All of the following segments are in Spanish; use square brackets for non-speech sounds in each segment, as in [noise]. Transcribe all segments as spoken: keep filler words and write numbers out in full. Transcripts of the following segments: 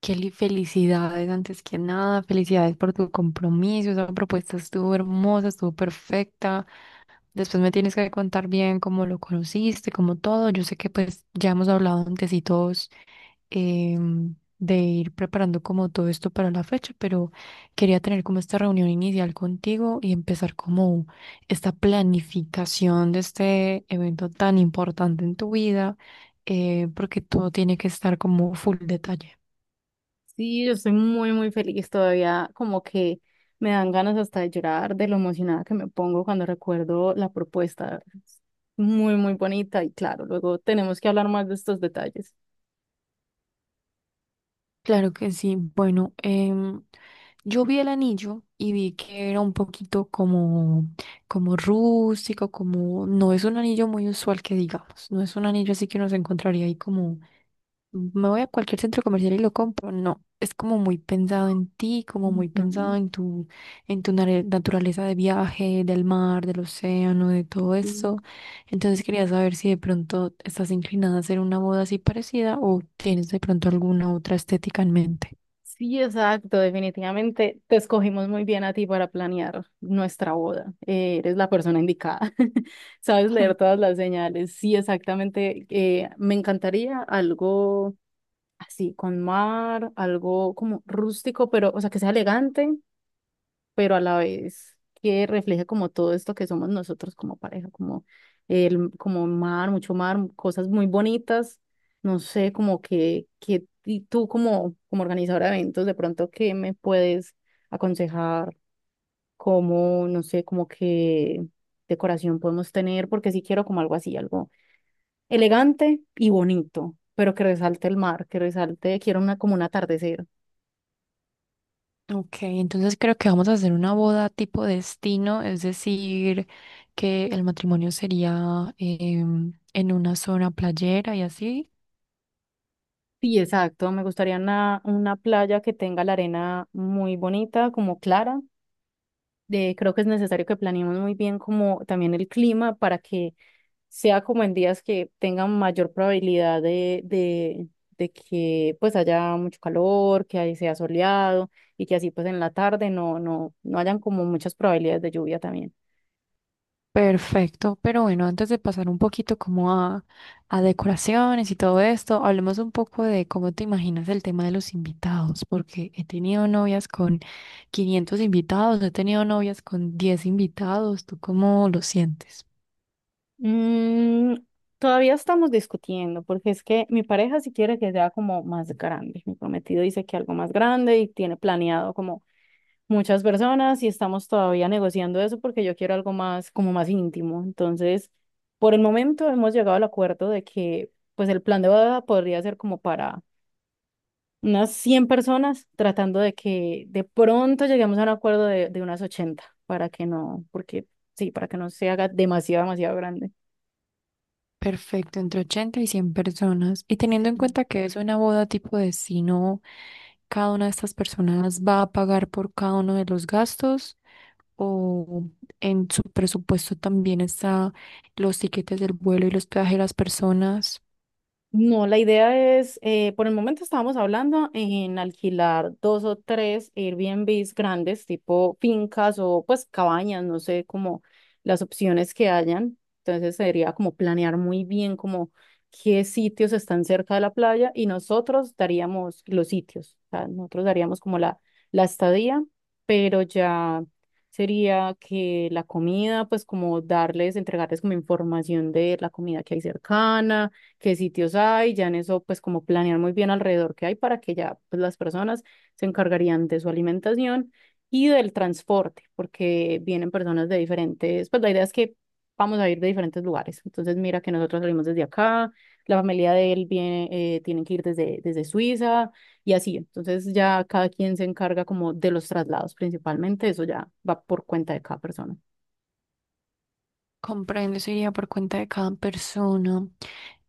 Kelly, felicidades antes que nada, felicidades por tu compromiso, esa propuesta estuvo hermosa, estuvo perfecta. Después me tienes que contar bien cómo lo conociste, cómo todo. Yo sé que pues ya hemos hablado antes y todos em, de ir preparando como todo esto para la fecha, pero quería tener como esta reunión inicial contigo y empezar como esta planificación de este evento tan importante en tu vida, eh, porque todo tiene que estar como full detalle. Sí, yo estoy muy, muy feliz todavía, como que me dan ganas hasta de llorar de lo emocionada que me pongo cuando recuerdo la propuesta. Es muy, muy bonita y claro, luego tenemos que hablar más de estos detalles. Claro que sí. Bueno, em, yo vi el anillo y vi que era un poquito como, como rústico, como no es un anillo muy usual que digamos, no es un anillo así que uno se encontraría ahí como me voy a cualquier centro comercial y lo compro. No, es como muy pensado en ti, como muy pensado Ujú, en tu, en tu nare- naturaleza de viaje, del mar, del océano, de todo sí. eso. Entonces quería saber si de pronto estás inclinada a hacer una boda así parecida o tienes de pronto alguna otra estética en mente. Sí, exacto, definitivamente te escogimos muy bien a ti para planear nuestra boda. Eh, eres la persona indicada, [laughs] sabes leer [laughs] todas las señales. Sí, exactamente, eh, me encantaría algo así, con mar, algo como rústico, pero, o sea, que sea elegante, pero a la vez que refleje como todo esto que somos nosotros como pareja, como el, como mar, mucho mar, cosas muy bonitas, no sé, como que, que y tú como, como organizadora de eventos, de pronto, ¿qué me puedes aconsejar? Como, no sé, como que decoración podemos tener, porque sí quiero como algo así, algo elegante y bonito, pero que resalte el mar, que resalte, quiero una como un atardecer. Ok, entonces creo que vamos a hacer una boda tipo destino, es decir, que el matrimonio sería em, en una zona playera y así. Sí, exacto. Me gustaría una, una playa que tenga la arena muy bonita, como clara. De, creo que es necesario que planeemos muy bien como también el clima para que sea como en días que tengan mayor probabilidad de, de, de que pues haya mucho calor, que ahí sea soleado y que así pues en la tarde no, no, no hayan como muchas probabilidades de lluvia también. Perfecto, pero bueno, antes de pasar un poquito como a, a decoraciones y todo esto, hablemos un poco de cómo te imaginas el tema de los invitados, porque he tenido novias con quinientos invitados, he tenido novias con diez invitados, ¿tú cómo lo sientes? Mm, todavía estamos discutiendo, porque es que mi pareja sí quiere que sea como más grande. Mi prometido dice que algo más grande y tiene planeado como muchas personas y estamos todavía negociando eso porque yo quiero algo más, como más íntimo. Entonces, por el momento hemos llegado al acuerdo de que pues el plan de boda podría ser como para unas cien personas, tratando de que de pronto lleguemos a un acuerdo de, de unas ochenta para que no, porque sí, para que no se haga demasiado, demasiado grande. Perfecto, entre ochenta y cien personas. Y teniendo en cuenta que es una boda tipo de si no cada una de estas personas va a pagar por cada uno de los gastos o en su presupuesto también está los tiquetes del vuelo y los peajes de las personas. No, la idea es, eh, por el momento estábamos hablando en alquilar dos o tres Airbnbs grandes, tipo fincas o pues cabañas, no sé, como las opciones que hayan. Entonces sería como planear muy bien como qué sitios están cerca de la playa y nosotros daríamos los sitios, o sea, nosotros daríamos como la, la estadía, pero ya sería que la comida, pues como darles, entregarles como información de la comida que hay cercana, qué sitios hay, ya en eso pues como planear muy bien alrededor que hay para que ya pues las personas se encargarían de su alimentación y del transporte, porque vienen personas de diferentes, pues la idea es que vamos a ir de diferentes lugares. Entonces mira que nosotros salimos desde acá, la familia de él viene, eh, tienen que ir desde, desde Suiza y así. Entonces ya cada quien se encarga como de los traslados principalmente, eso ya va por cuenta de cada persona. Comprendo, eso iría por cuenta de cada persona.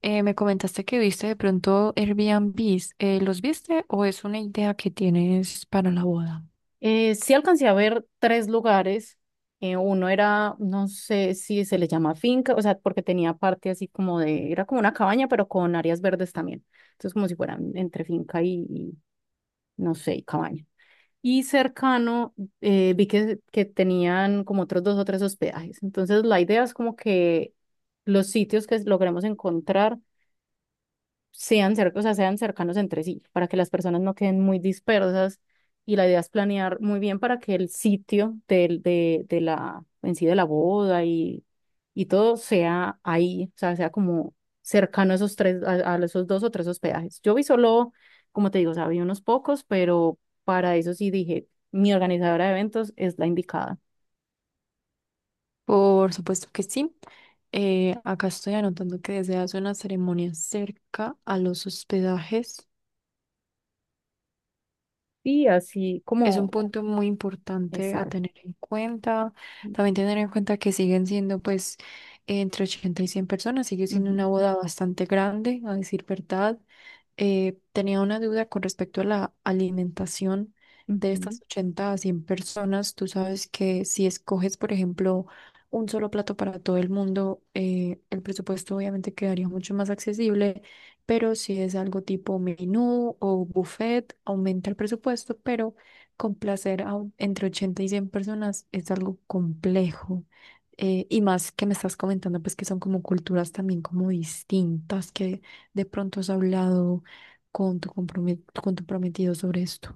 Eh, me comentaste que viste de pronto Airbnbs. Eh, ¿los viste o es una idea que tienes para la boda? Eh, sí alcancé a ver tres lugares. Eh, uno era, no sé si se le llama finca, o sea, porque tenía parte así como de, era como una cabaña, pero con áreas verdes también. Entonces, como si fueran entre finca y, y, no sé, y cabaña. Y cercano, eh, vi que, que tenían como otros dos o tres hospedajes. Entonces, la idea es como que los sitios que logremos encontrar sean, cer- o sea, sean cercanos entre sí, para que las personas no queden muy dispersas. Y la idea es planear muy bien para que el sitio del, de, de la, en sí de la boda y, y todo sea ahí, o sea, sea como cercano a esos tres, a, a esos dos o tres hospedajes. Yo vi solo, como te digo, o sea, vi unos pocos, pero para eso sí dije, mi organizadora de eventos es la indicada. Por supuesto que sí. Eh, acá estoy anotando que deseas una ceremonia cerca a los hospedajes. Y así Es un como, punto muy importante a exacto. tener en cuenta. También tener en cuenta que siguen siendo, pues, entre ochenta y cien personas, sigue siendo Ujú, una boda bastante grande, a decir verdad. Eh, tenía una duda con respecto a la alimentación de ujú. estas ochenta a cien personas. Tú sabes que si escoges, por ejemplo, un solo plato para todo el mundo, eh, el presupuesto obviamente quedaría mucho más accesible, pero si es algo tipo menú o buffet, aumenta el presupuesto, pero complacer a un- entre ochenta y cien personas es algo complejo. Eh, y más que me estás comentando, pues que son como culturas también como distintas, que de pronto has hablado con tu compromet- con tu prometido sobre esto.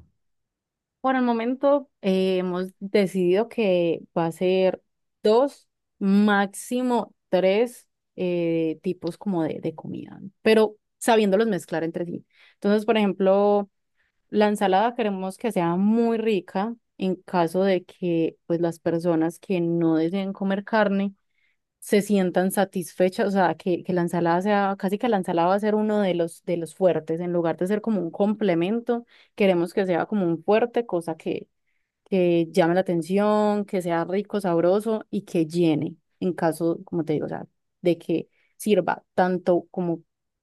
Por el momento eh, hemos decidido que va a ser dos, máximo tres eh, tipos como de, de comida, pero sabiéndolos mezclar entre sí. Entonces, por ejemplo, la ensalada queremos que sea muy rica en caso de que pues las personas que no deseen comer carne se sientan satisfechas, o sea, que, que la ensalada sea, casi que la ensalada va a ser uno de los, de los fuertes, en lugar de ser como un complemento, queremos que sea como un fuerte, cosa que que llame la atención, que sea rico, sabroso y que llene, en caso, como te digo, o sea, de que sirva tanto como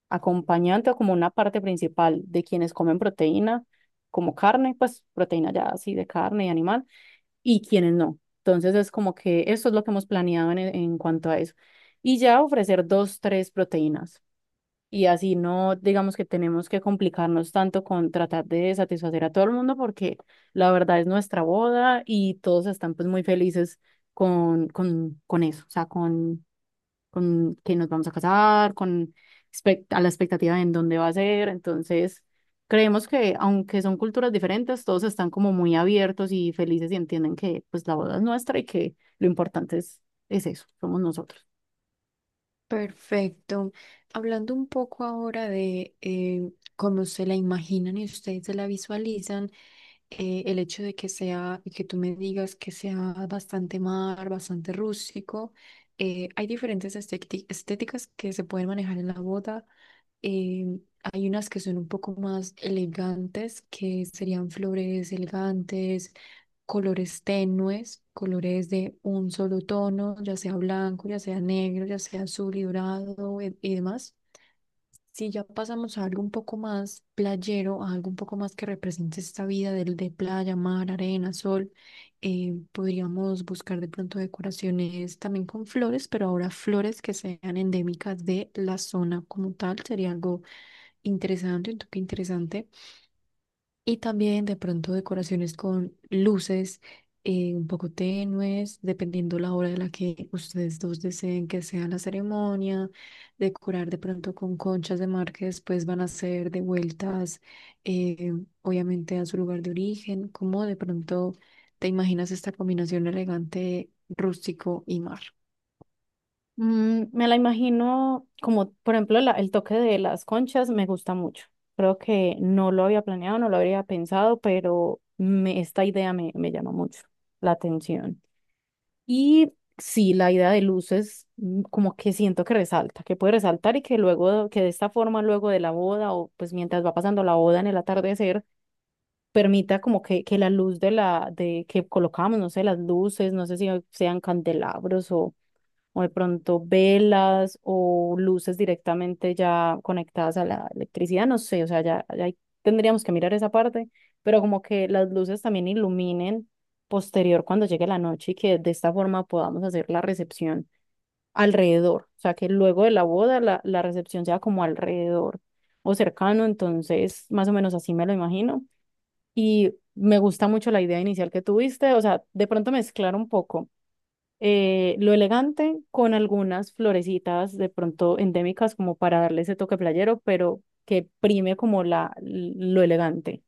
acompañante o como una parte principal de quienes comen proteína, como carne, pues proteína ya así de carne y animal, y quienes no. Entonces es como que eso es lo que hemos planeado en, en cuanto a eso. Y ya ofrecer dos, tres proteínas. Y así no, digamos que tenemos que complicarnos tanto con tratar de satisfacer a todo el mundo porque la verdad es nuestra boda y todos están pues muy felices con, con, con eso, o sea, con, con que nos vamos a casar, con expect- a la expectativa de en dónde va a ser. Entonces, creemos que aunque son culturas diferentes, todos están como muy abiertos y felices y entienden que pues la boda es nuestra y que lo importante es, es eso, somos nosotros. Perfecto. Hablando un poco ahora de eh, cómo se la imaginan y ustedes se la visualizan, eh, el hecho de que sea, y que tú me digas que sea bastante mar, bastante rústico, eh, hay diferentes estéti- estéticas que se pueden manejar en la boda. eh, Hay unas que son un poco más elegantes, que serían flores elegantes, colores tenues, colores de un solo tono, ya sea blanco, ya sea negro, ya sea azul y dorado e- y, demás. Si ya pasamos a algo un poco más playero, a algo un poco más que represente esta vida del de playa, mar, arena, sol, eh, podríamos buscar de pronto decoraciones también con flores, pero ahora flores que sean endémicas de la zona como tal, sería algo interesante, un toque interesante. Y también de pronto decoraciones con luces eh, un poco tenues, dependiendo la hora de la que ustedes dos deseen que sea la ceremonia. Decorar de pronto con conchas de mar que después van a ser devueltas, eh, obviamente, a su lugar de origen. ¿Cómo de pronto te imaginas esta combinación elegante, rústico y mar? Mm, me la imagino como, por ejemplo, la- el toque de las conchas me gusta mucho. Creo que no lo había planeado, no lo habría pensado, pero me, esta idea me, me llama mucho la atención. Y sí, la idea de luces, mm, como que siento que resalta, que puede resaltar y que luego, que de esta forma, luego de la boda o pues mientras va pasando la boda en el atardecer, permita como que, que la luz de la, de que colocamos, no sé, las luces, no sé si sean candelabros o de pronto velas o luces directamente ya conectadas a la electricidad, no sé, o sea, ya, ya ahí tendríamos que mirar esa parte, pero como que las luces también iluminen posterior cuando llegue la noche y que de esta forma podamos hacer la recepción alrededor, o sea, que luego de la boda la, la recepción sea como alrededor o cercano, entonces más o menos así me lo imagino. Y me gusta mucho la idea inicial que tuviste, o sea, de pronto mezclar un poco eh, lo elegante con algunas florecitas de pronto endémicas como para darle ese toque playero, pero que prime como la, lo elegante,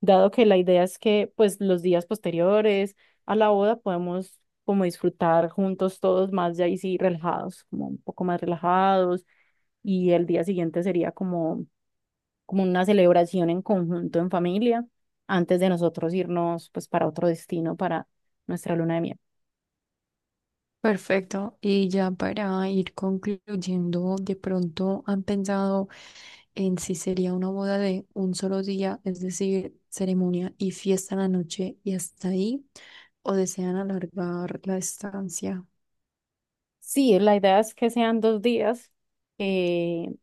dado que la idea es que pues los días posteriores a la boda podemos como disfrutar juntos todos más ya ahí sí relajados, como un poco más relajados y el día siguiente sería como, como una celebración en conjunto en familia antes de nosotros irnos pues para otro destino para nuestra luna de miel. Perfecto. Y ya para ir concluyendo, de pronto han pensado. En sí sería una boda de un solo día, es decir, ceremonia y fiesta en la noche y hasta ahí, o desean alargar la estancia. Sí, la idea es que sean dos días. eh,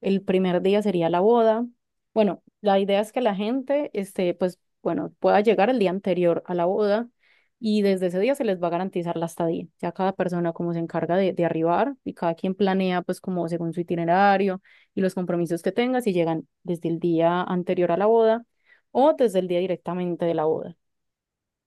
el primer día sería la boda. Bueno, la idea es que la gente, este, pues, bueno, pueda llegar el día anterior a la boda y desde ese día se les va a garantizar la estadía. Ya cada persona como se encarga de, de arribar y cada quien planea pues como según su itinerario y los compromisos que tenga, si llegan desde el día anterior a la boda o desde el día directamente de la boda.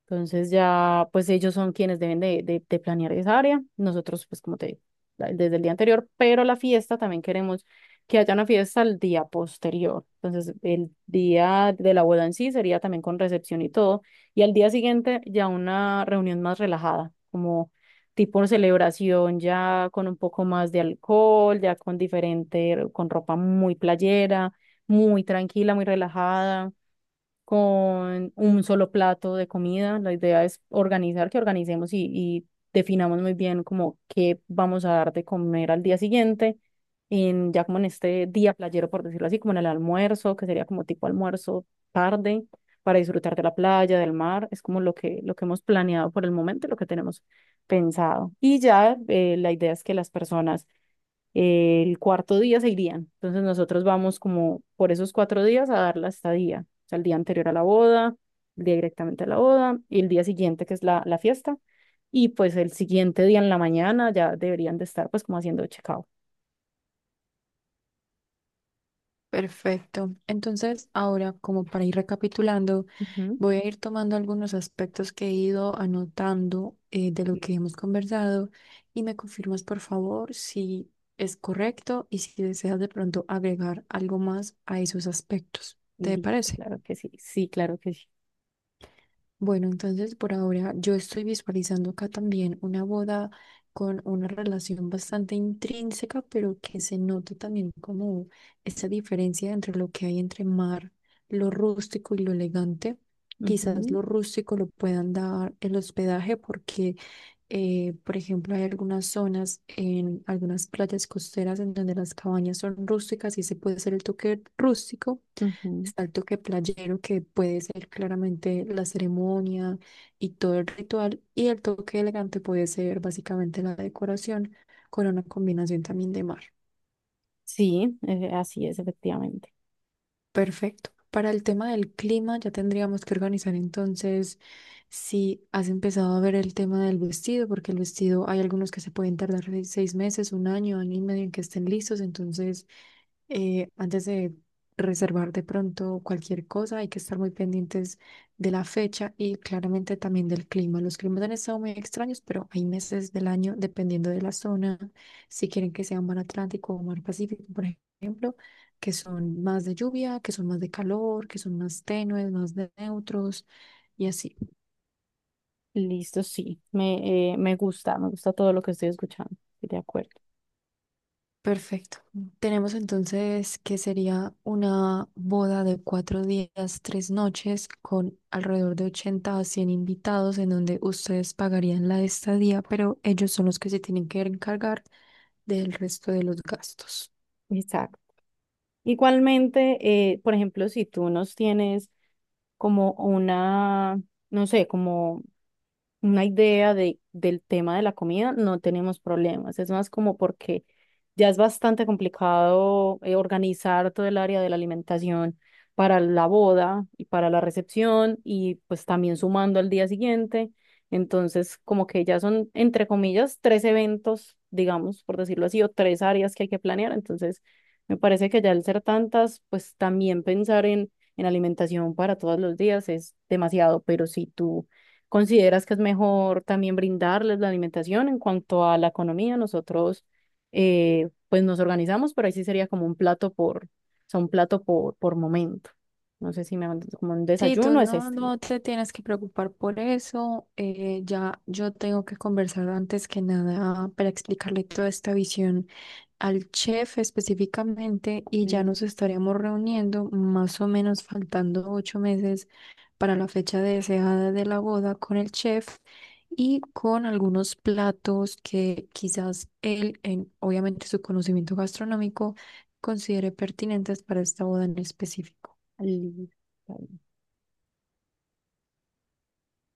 Entonces ya, pues ellos son quienes deben de, de, de planear esa área. Nosotros, pues como te digo, la- desde el día anterior, pero la fiesta también queremos que haya una fiesta al día posterior. Entonces, el día de la boda en sí sería también con recepción y todo. Y al día siguiente ya una reunión más relajada, como tipo celebración ya con un poco más de alcohol, ya con diferente, con ropa muy playera, muy tranquila, muy relajada con un solo plato de comida. La idea es organizar, que organicemos y, y definamos muy bien como qué vamos a dar de comer al día siguiente, en, ya como en este día playero, por decirlo así, como en el almuerzo, que sería como tipo almuerzo tarde, para disfrutar de la playa, del mar. Es como lo que, lo que hemos planeado por el momento, y lo que tenemos pensado. Y ya eh, la idea es que las personas eh, el cuarto día se irían. Entonces nosotros vamos como por esos cuatro días a dar la estadía, o sea, el día anterior a la boda, el día directamente a la boda y el día siguiente que es la, la fiesta. Y pues el siguiente día en la mañana ya deberían de estar pues como haciendo checkout. Perfecto. Entonces, ahora, como para ir recapitulando, Ujú. voy a ir tomando algunos aspectos que he ido anotando eh, de lo que hemos conversado y me confirmas, por favor, si es correcto y si deseas de pronto agregar algo más a esos aspectos. ¿Te Listo, parece? claro que sí, sí, claro que sí. Bueno, entonces por ahora yo estoy visualizando acá también una boda con una relación bastante intrínseca, pero que se note también como esa diferencia entre lo que hay entre mar, lo rústico y lo elegante. Quizás Ujú, lo rústico lo puedan dar el hospedaje porque eh, por ejemplo, hay algunas zonas en algunas playas costeras en donde las cabañas son rústicas y se puede hacer el toque rústico. ujú. Está el toque playero que puede ser claramente la ceremonia y todo el ritual. Y el toque elegante puede ser básicamente la decoración con una combinación también de mar. Sí, eh, así es, efectivamente. Perfecto. Para el tema del clima, ya tendríamos que organizar entonces si has empezado a ver el tema del vestido, porque el vestido hay algunos que se pueden tardar de seis meses, un año, año y medio en que estén listos. Entonces, eh, antes de reservar de pronto cualquier cosa, hay que estar muy pendientes de la fecha y claramente también del clima. Los climas han estado muy extraños, pero hay meses del año, dependiendo de la zona, si quieren que sea mar Atlántico o mar Pacífico, por ejemplo que son más de lluvia, que son más de calor, que son más tenues, más de neutros y así. Listo, sí, me, eh, me gusta, me gusta todo lo que estoy escuchando, estoy de acuerdo. Perfecto. Tenemos entonces que sería una boda de cuatro días, tres noches, con alrededor de ochenta a cien invitados, en donde ustedes pagarían la estadía, pero ellos son los que se tienen que encargar del resto de los gastos. Exacto. Igualmente, eh, por ejemplo, si tú nos tienes como una, no sé, como una idea de, del tema de la comida, no tenemos problemas. Es más como porque ya es bastante complicado eh, organizar todo el área de la alimentación para la boda y para la recepción y pues también sumando al día siguiente. Entonces, como que ya son, entre comillas, tres eventos, digamos, por decirlo así, o tres áreas que hay que planear. Entonces, me parece que ya al ser tantas, pues también pensar en, en alimentación para todos los días es demasiado, pero si tú, ¿consideras que es mejor también brindarles la alimentación? En cuanto a la economía, nosotros eh, pues nos organizamos, pero ahí sí sería como un plato por, o sea, un plato por, por momento. No sé si me van como un Sí, tú desayuno, es no, este. no te tienes que preocupar por eso. Eh, ya yo tengo que conversar antes que nada para explicarle toda esta visión al chef específicamente y ya Li- nos estaríamos reuniendo más o menos faltando ocho meses para la fecha deseada de la boda con el chef y con algunos platos que quizás él, en, obviamente su conocimiento gastronómico, considere pertinentes para esta boda en específico. li-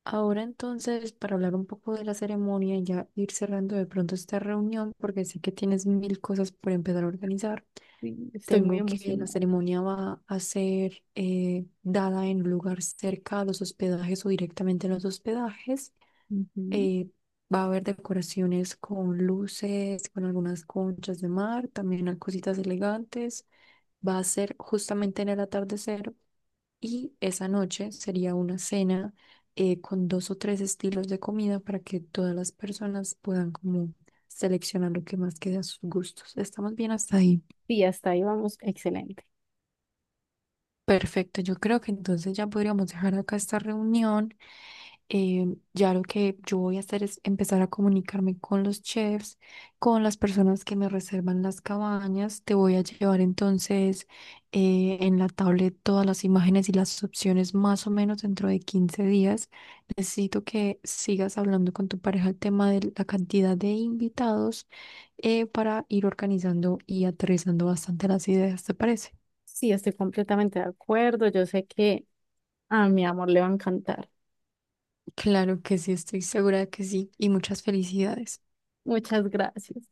Ahora entonces, para hablar un poco de la ceremonia y ya ir cerrando de pronto esta reunión, porque sé que tienes mil cosas por empezar a organizar, li- Estoy muy tengo que la emocionada. ceremonia va a ser eh, dada en un lugar cerca a los hospedajes o directamente en los hospedajes. Ujú. Eh, Va a haber decoraciones con luces, con algunas conchas de mar, también hay cositas elegantes. Va a ser justamente en el atardecer y esa noche sería una cena eh, con dos o tres estilos de comida para que todas las personas puedan como seleccionar lo que más quede a sus gustos. ¿Estamos bien hasta ahí? Sí, hasta ahí vamos, excelente. Perfecto, yo creo que entonces ya podríamos dejar acá esta reunión eh, ya lo que yo voy a hacer es empezar a comunicarme con los chefs, con las personas que me reservan las cabañas. Te voy a llevar entonces eh, en la tablet todas las imágenes y las opciones más o menos dentro de quince días. Necesito que sigas hablando con tu pareja el tema de la cantidad de invitados eh, para ir organizando y aterrizando bastante las ideas, ¿te parece? Sí, estoy completamente de acuerdo. Yo sé que a mi amor le va a encantar. Claro que sí, estoy segura de que sí y muchas felicidades. Muchas gracias.